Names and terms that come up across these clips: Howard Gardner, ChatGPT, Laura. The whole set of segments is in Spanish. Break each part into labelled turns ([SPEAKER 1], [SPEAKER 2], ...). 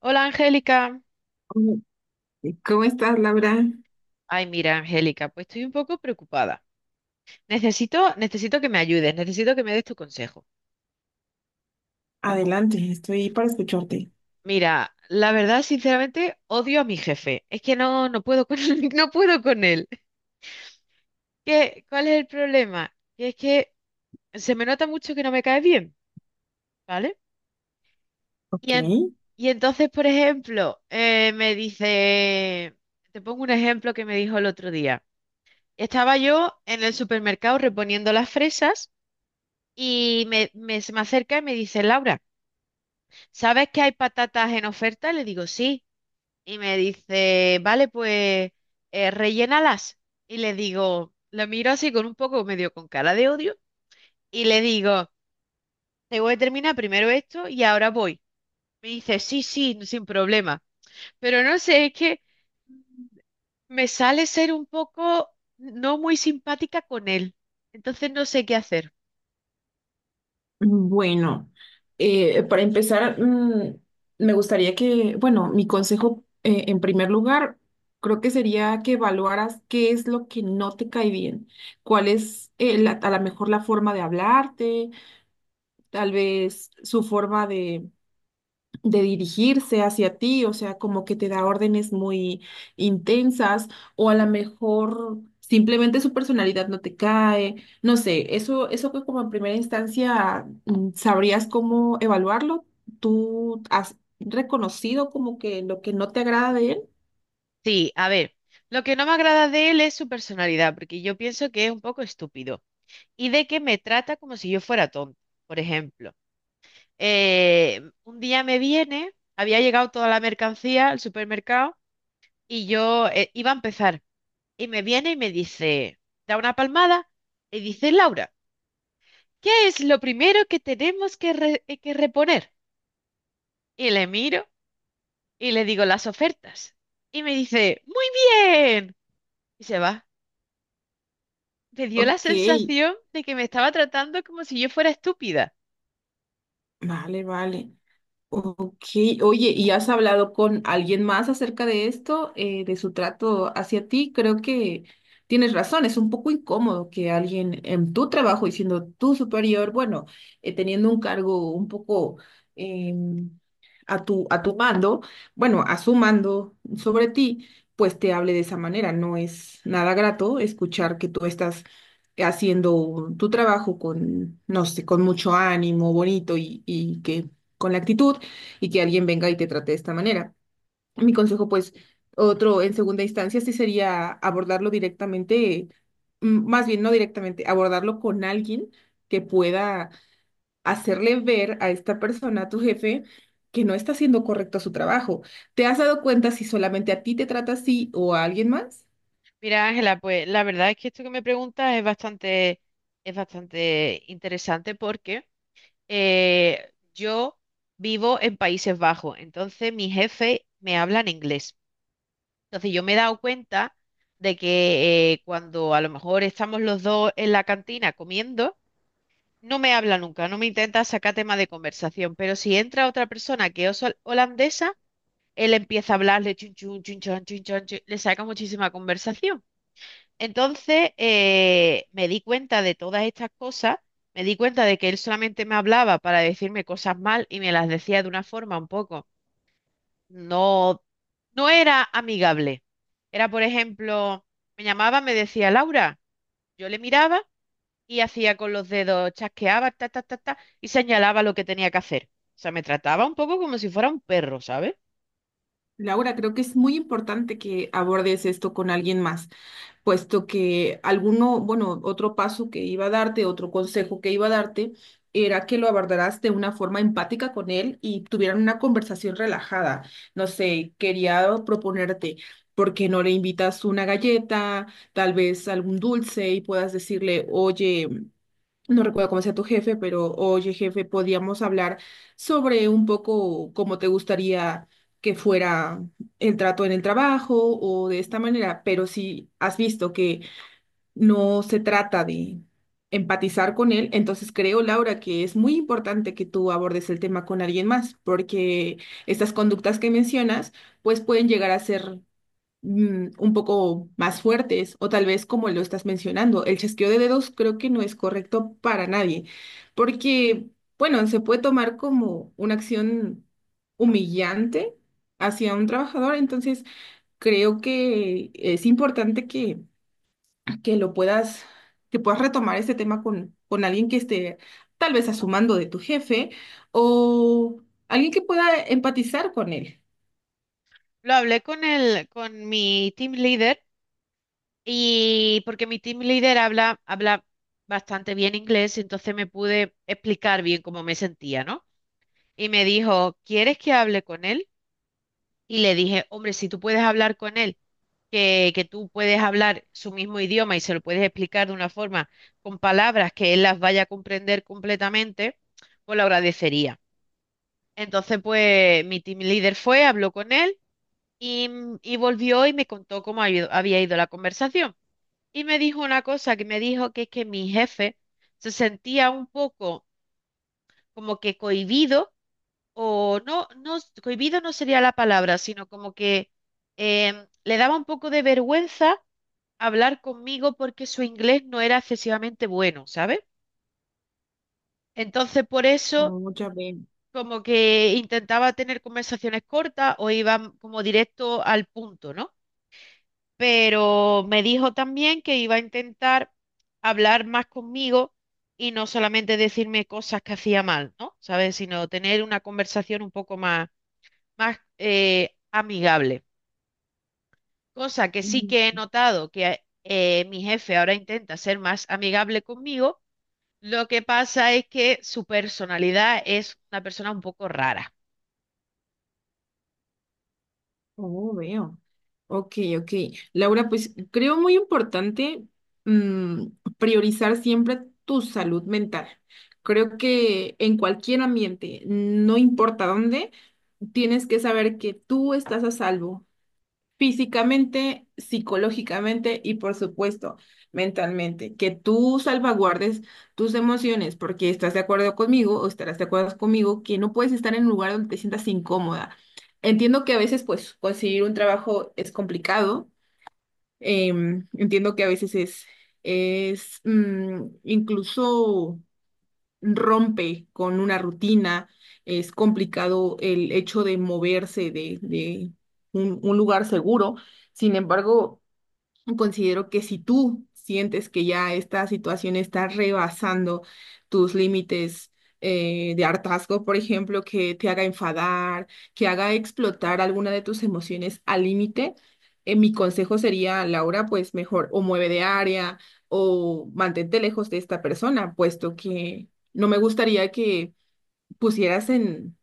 [SPEAKER 1] Hola, Angélica.
[SPEAKER 2] Mm, ¿cómo estás, Laura?
[SPEAKER 1] Ay, mira, Angélica, pues estoy un poco preocupada. Necesito que me ayudes, necesito que me des tu consejo.
[SPEAKER 2] Adelante, estoy para escucharte.
[SPEAKER 1] Mira, la verdad, sinceramente, odio a mi jefe. Es que no puedo con, él, no puedo con él. ¿Qué, cuál es el problema? Que es que se me nota mucho que no me cae bien, ¿vale? Y,
[SPEAKER 2] Ok.
[SPEAKER 1] en- y entonces, por ejemplo, me dice, te pongo un ejemplo que me dijo el otro día. Estaba yo en el supermercado reponiendo las fresas. Y se me acerca y me dice, Laura, ¿sabes que hay patatas en oferta? Le digo, sí. Y me dice, vale, pues rellénalas. Y le digo, la miro así con un poco medio con cara de odio. Y le digo, tengo que terminar primero esto y ahora voy. Me dice, sí, sí, sin problema. Pero no sé, es que me sale ser un poco no muy simpática con él. Entonces no sé qué hacer.
[SPEAKER 2] Bueno, para empezar, me gustaría que, bueno, mi consejo, en primer lugar, creo que sería que evaluaras qué es lo que no te cae bien, cuál es, a lo mejor la forma de hablarte, tal vez su forma de dirigirse hacia ti, o sea, como que te da órdenes muy intensas o a lo mejor simplemente su personalidad no te cae, no sé, eso que como en primera instancia sabrías cómo evaluarlo, tú has reconocido como que lo que no te agrada de él.
[SPEAKER 1] Sí, a ver, lo que no me agrada de él es su personalidad, porque yo pienso que es un poco estúpido y de que me trata como si yo fuera tonta. Por ejemplo, un día me viene, había llegado toda la mercancía al supermercado y yo iba a empezar. Y me viene y me dice, da una palmada y dice, Laura, ¿qué es lo primero que tenemos que, que reponer? Y le miro y le digo las ofertas. Y me dice, muy bien. Y se va. Me dio la
[SPEAKER 2] Ok,
[SPEAKER 1] sensación de que me estaba tratando como si yo fuera estúpida.
[SPEAKER 2] vale, vale. Ok, oye, ¿y has hablado con alguien más acerca de esto, de su trato hacia ti? Creo que tienes razón, es un poco incómodo que alguien en tu trabajo y siendo tu superior, bueno, teniendo un cargo un poco em, a tu mando, bueno, a su mando sobre ti, pues te hable de esa manera. No es nada grato escuchar que tú estás haciendo tu trabajo con, no sé, con mucho ánimo, bonito y que con la actitud y que alguien venga y te trate de esta manera. Mi consejo, pues, otro en segunda instancia, sí sería abordarlo directamente, más bien no directamente, abordarlo con alguien que pueda hacerle ver a esta persona, a tu jefe, que no está haciendo correcto su trabajo. ¿Te has dado cuenta si solamente a ti te trata así o a alguien más?
[SPEAKER 1] Mira, Ángela, pues la verdad es que esto que me preguntas es bastante interesante porque yo vivo en Países Bajos, entonces mi jefe me habla en inglés. Entonces yo me he dado cuenta de que cuando a lo mejor estamos los dos en la cantina comiendo, no me habla nunca, no me intenta sacar tema de conversación, pero si entra otra persona que es holandesa, él empieza a hablarle, chun, chun, chun, chan, chun, chan, chun, le saca muchísima conversación. Entonces, me di cuenta de todas estas cosas, me di cuenta de que él solamente me hablaba para decirme cosas mal y me las decía de una forma un poco, no, no era amigable. Era, por ejemplo, me llamaba, me decía Laura, yo le miraba y hacía con los dedos, chasqueaba, ta, ta, ta, ta, y señalaba lo que tenía que hacer. O sea, me trataba un poco como si fuera un perro, ¿sabes?
[SPEAKER 2] Laura, creo que es muy importante que abordes esto con alguien más, puesto que alguno, bueno, otro paso que iba a darte, otro consejo que iba a darte, era que lo abordaras de una forma empática con él y tuvieran una conversación relajada. No sé, quería proponerte, ¿por qué no le invitas una galleta, tal vez algún dulce y puedas decirle, oye, no recuerdo cómo sea tu jefe, pero oye, jefe, podíamos hablar sobre un poco cómo te gustaría que fuera el trato en el trabajo o de esta manera, pero si has visto que no se trata de empatizar con él. Entonces creo, Laura, que es muy importante que tú abordes el tema con alguien más, porque estas conductas que mencionas, pues pueden llegar a ser un poco más fuertes o tal vez como lo estás mencionando. El chasqueo de dedos creo que no es correcto para nadie, porque, bueno, se puede tomar como una acción humillante hacia un trabajador, entonces creo que es importante que lo puedas, que puedas retomar este tema con alguien que esté tal vez a su mando de tu jefe o alguien que pueda empatizar con él.
[SPEAKER 1] Lo hablé con con mi team leader y porque mi team leader habla bastante bien inglés, entonces me pude explicar bien cómo me sentía, ¿no? Y me dijo, ¿quieres que hable con él? Y le dije, hombre, si tú puedes hablar con él, que tú puedes hablar su mismo idioma y se lo puedes explicar de una forma con palabras que él las vaya a comprender completamente, pues lo agradecería. Entonces, pues mi team leader fue, habló con él. Y, y volvió y me contó cómo había ido la conversación. Y me dijo una cosa que me dijo que es que mi jefe se sentía un poco como que cohibido, o no, no, cohibido no sería la palabra, sino como que em, le daba un poco de vergüenza hablar conmigo porque su inglés no era excesivamente bueno, ¿sabes? Entonces por eso
[SPEAKER 2] Oh, ya veo.
[SPEAKER 1] como que intentaba tener conversaciones cortas o iba como directo al punto, ¿no? Pero me dijo también que iba a intentar hablar más conmigo y no solamente decirme cosas que hacía mal, ¿no? ¿Sabes? Sino tener una conversación un poco más, más amigable. Cosa que sí
[SPEAKER 2] Ujú.
[SPEAKER 1] que he notado que mi jefe ahora intenta ser más amigable conmigo. Lo que pasa es que su personalidad es una persona un poco rara.
[SPEAKER 2] Oh, veo. Ok, ok. Laura, pues creo muy importante mm, priorizar siempre tu salud mental.
[SPEAKER 1] Ujú.
[SPEAKER 2] Creo que en cualquier ambiente, no importa dónde, tienes que saber que tú estás a salvo físicamente, psicológicamente y por supuesto mentalmente, que tú salvaguardes tus emociones, porque estás de acuerdo conmigo o estarás de acuerdo conmigo que no puedes estar en un lugar donde te sientas incómoda. Entiendo que a veces pues conseguir un trabajo es complicado, entiendo que a veces es incluso rompe con una rutina, es complicado el hecho de moverse de un lugar seguro. Sin embargo, considero que si tú sientes que ya esta situación está rebasando tus límites de hartazgo, por ejemplo, que te haga enfadar, que haga explotar alguna de tus emociones al límite, mi consejo sería, Laura, pues mejor o mueve de área o mantente lejos de esta persona, puesto que no me gustaría que pusieras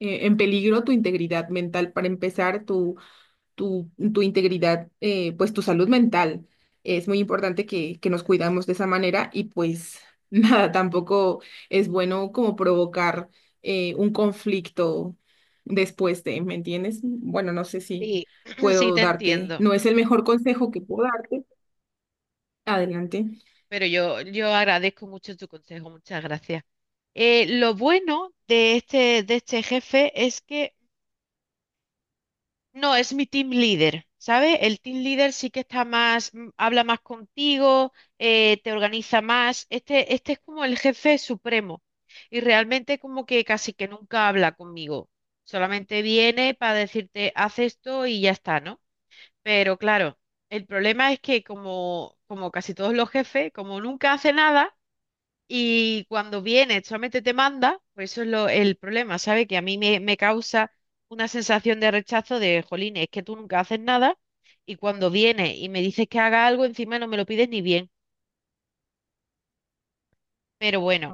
[SPEAKER 2] en peligro tu integridad mental para empezar tu tu integridad, pues tu salud mental. Es muy importante que nos cuidamos de esa manera y pues nada, tampoco es bueno como provocar un conflicto después de, ¿me entiendes? Bueno, no sé si
[SPEAKER 1] Sí, sí
[SPEAKER 2] puedo
[SPEAKER 1] te
[SPEAKER 2] darte,
[SPEAKER 1] entiendo.
[SPEAKER 2] no es el mejor consejo que puedo darte. Adelante.
[SPEAKER 1] Pero yo agradezco mucho tu consejo, muchas gracias. Lo bueno de de este jefe es que no es mi team leader, ¿sabes? El team leader sí que está más, habla más contigo, te organiza más. Este es como el jefe supremo y realmente como que casi que nunca habla conmigo. Solamente viene para decirte, haz esto y ya está, ¿no? Pero claro, el problema es que como casi todos los jefes, como nunca hace nada, y cuando viene, solamente te manda, pues eso es lo, el problema, ¿sabes? Que a mí me causa una sensación de rechazo de, jolín, es que tú nunca haces nada y cuando viene y me dices que haga algo, encima no me lo pides ni bien. Pero bueno,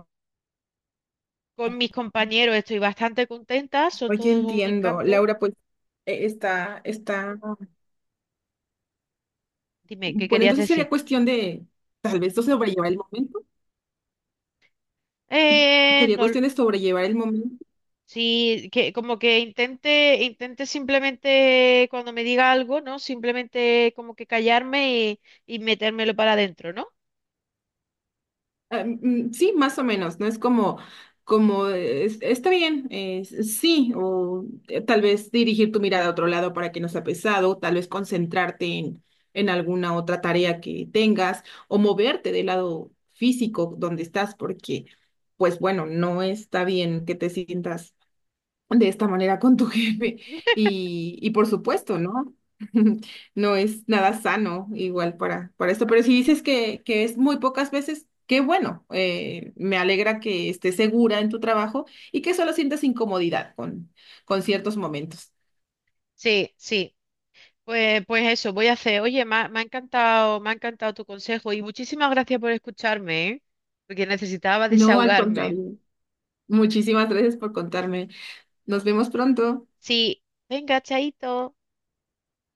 [SPEAKER 1] con mis compañeros estoy bastante contenta, son
[SPEAKER 2] Oye,
[SPEAKER 1] todos un
[SPEAKER 2] entiendo.
[SPEAKER 1] encanto.
[SPEAKER 2] Laura, pues está.
[SPEAKER 1] Dime, ¿qué
[SPEAKER 2] Bueno,
[SPEAKER 1] querías
[SPEAKER 2] entonces
[SPEAKER 1] decir?
[SPEAKER 2] sería cuestión de, tal vez, no sobrellevar el momento. Sería
[SPEAKER 1] No,
[SPEAKER 2] cuestión de sobrellevar el momento.
[SPEAKER 1] sí, que como que intente simplemente cuando me diga algo, ¿no? Simplemente como que callarme y metérmelo para adentro, ¿no?
[SPEAKER 2] Ah, sí, más o menos, ¿no? Es como, como, está bien, sí, o tal vez dirigir tu mirada a otro lado para que no sea pesado, tal vez concentrarte en alguna otra tarea que tengas, o moverte del lado físico donde estás, porque, pues bueno, no está bien que te sientas de esta manera con tu jefe. Y por supuesto, ¿no? No es nada sano igual para esto, pero si dices que es muy pocas veces, qué bueno. Me alegra que estés segura en tu trabajo y que solo sientas incomodidad con ciertos momentos.
[SPEAKER 1] Sí, sí. Pues, pues eso, voy a hacer. Oye, me ha encantado tu consejo y muchísimas gracias por escucharme, ¿eh? Porque necesitaba
[SPEAKER 2] No, al
[SPEAKER 1] desahogarme.
[SPEAKER 2] contrario. Muchísimas gracias por contarme. Nos vemos pronto.
[SPEAKER 1] Sí, venga, chaito.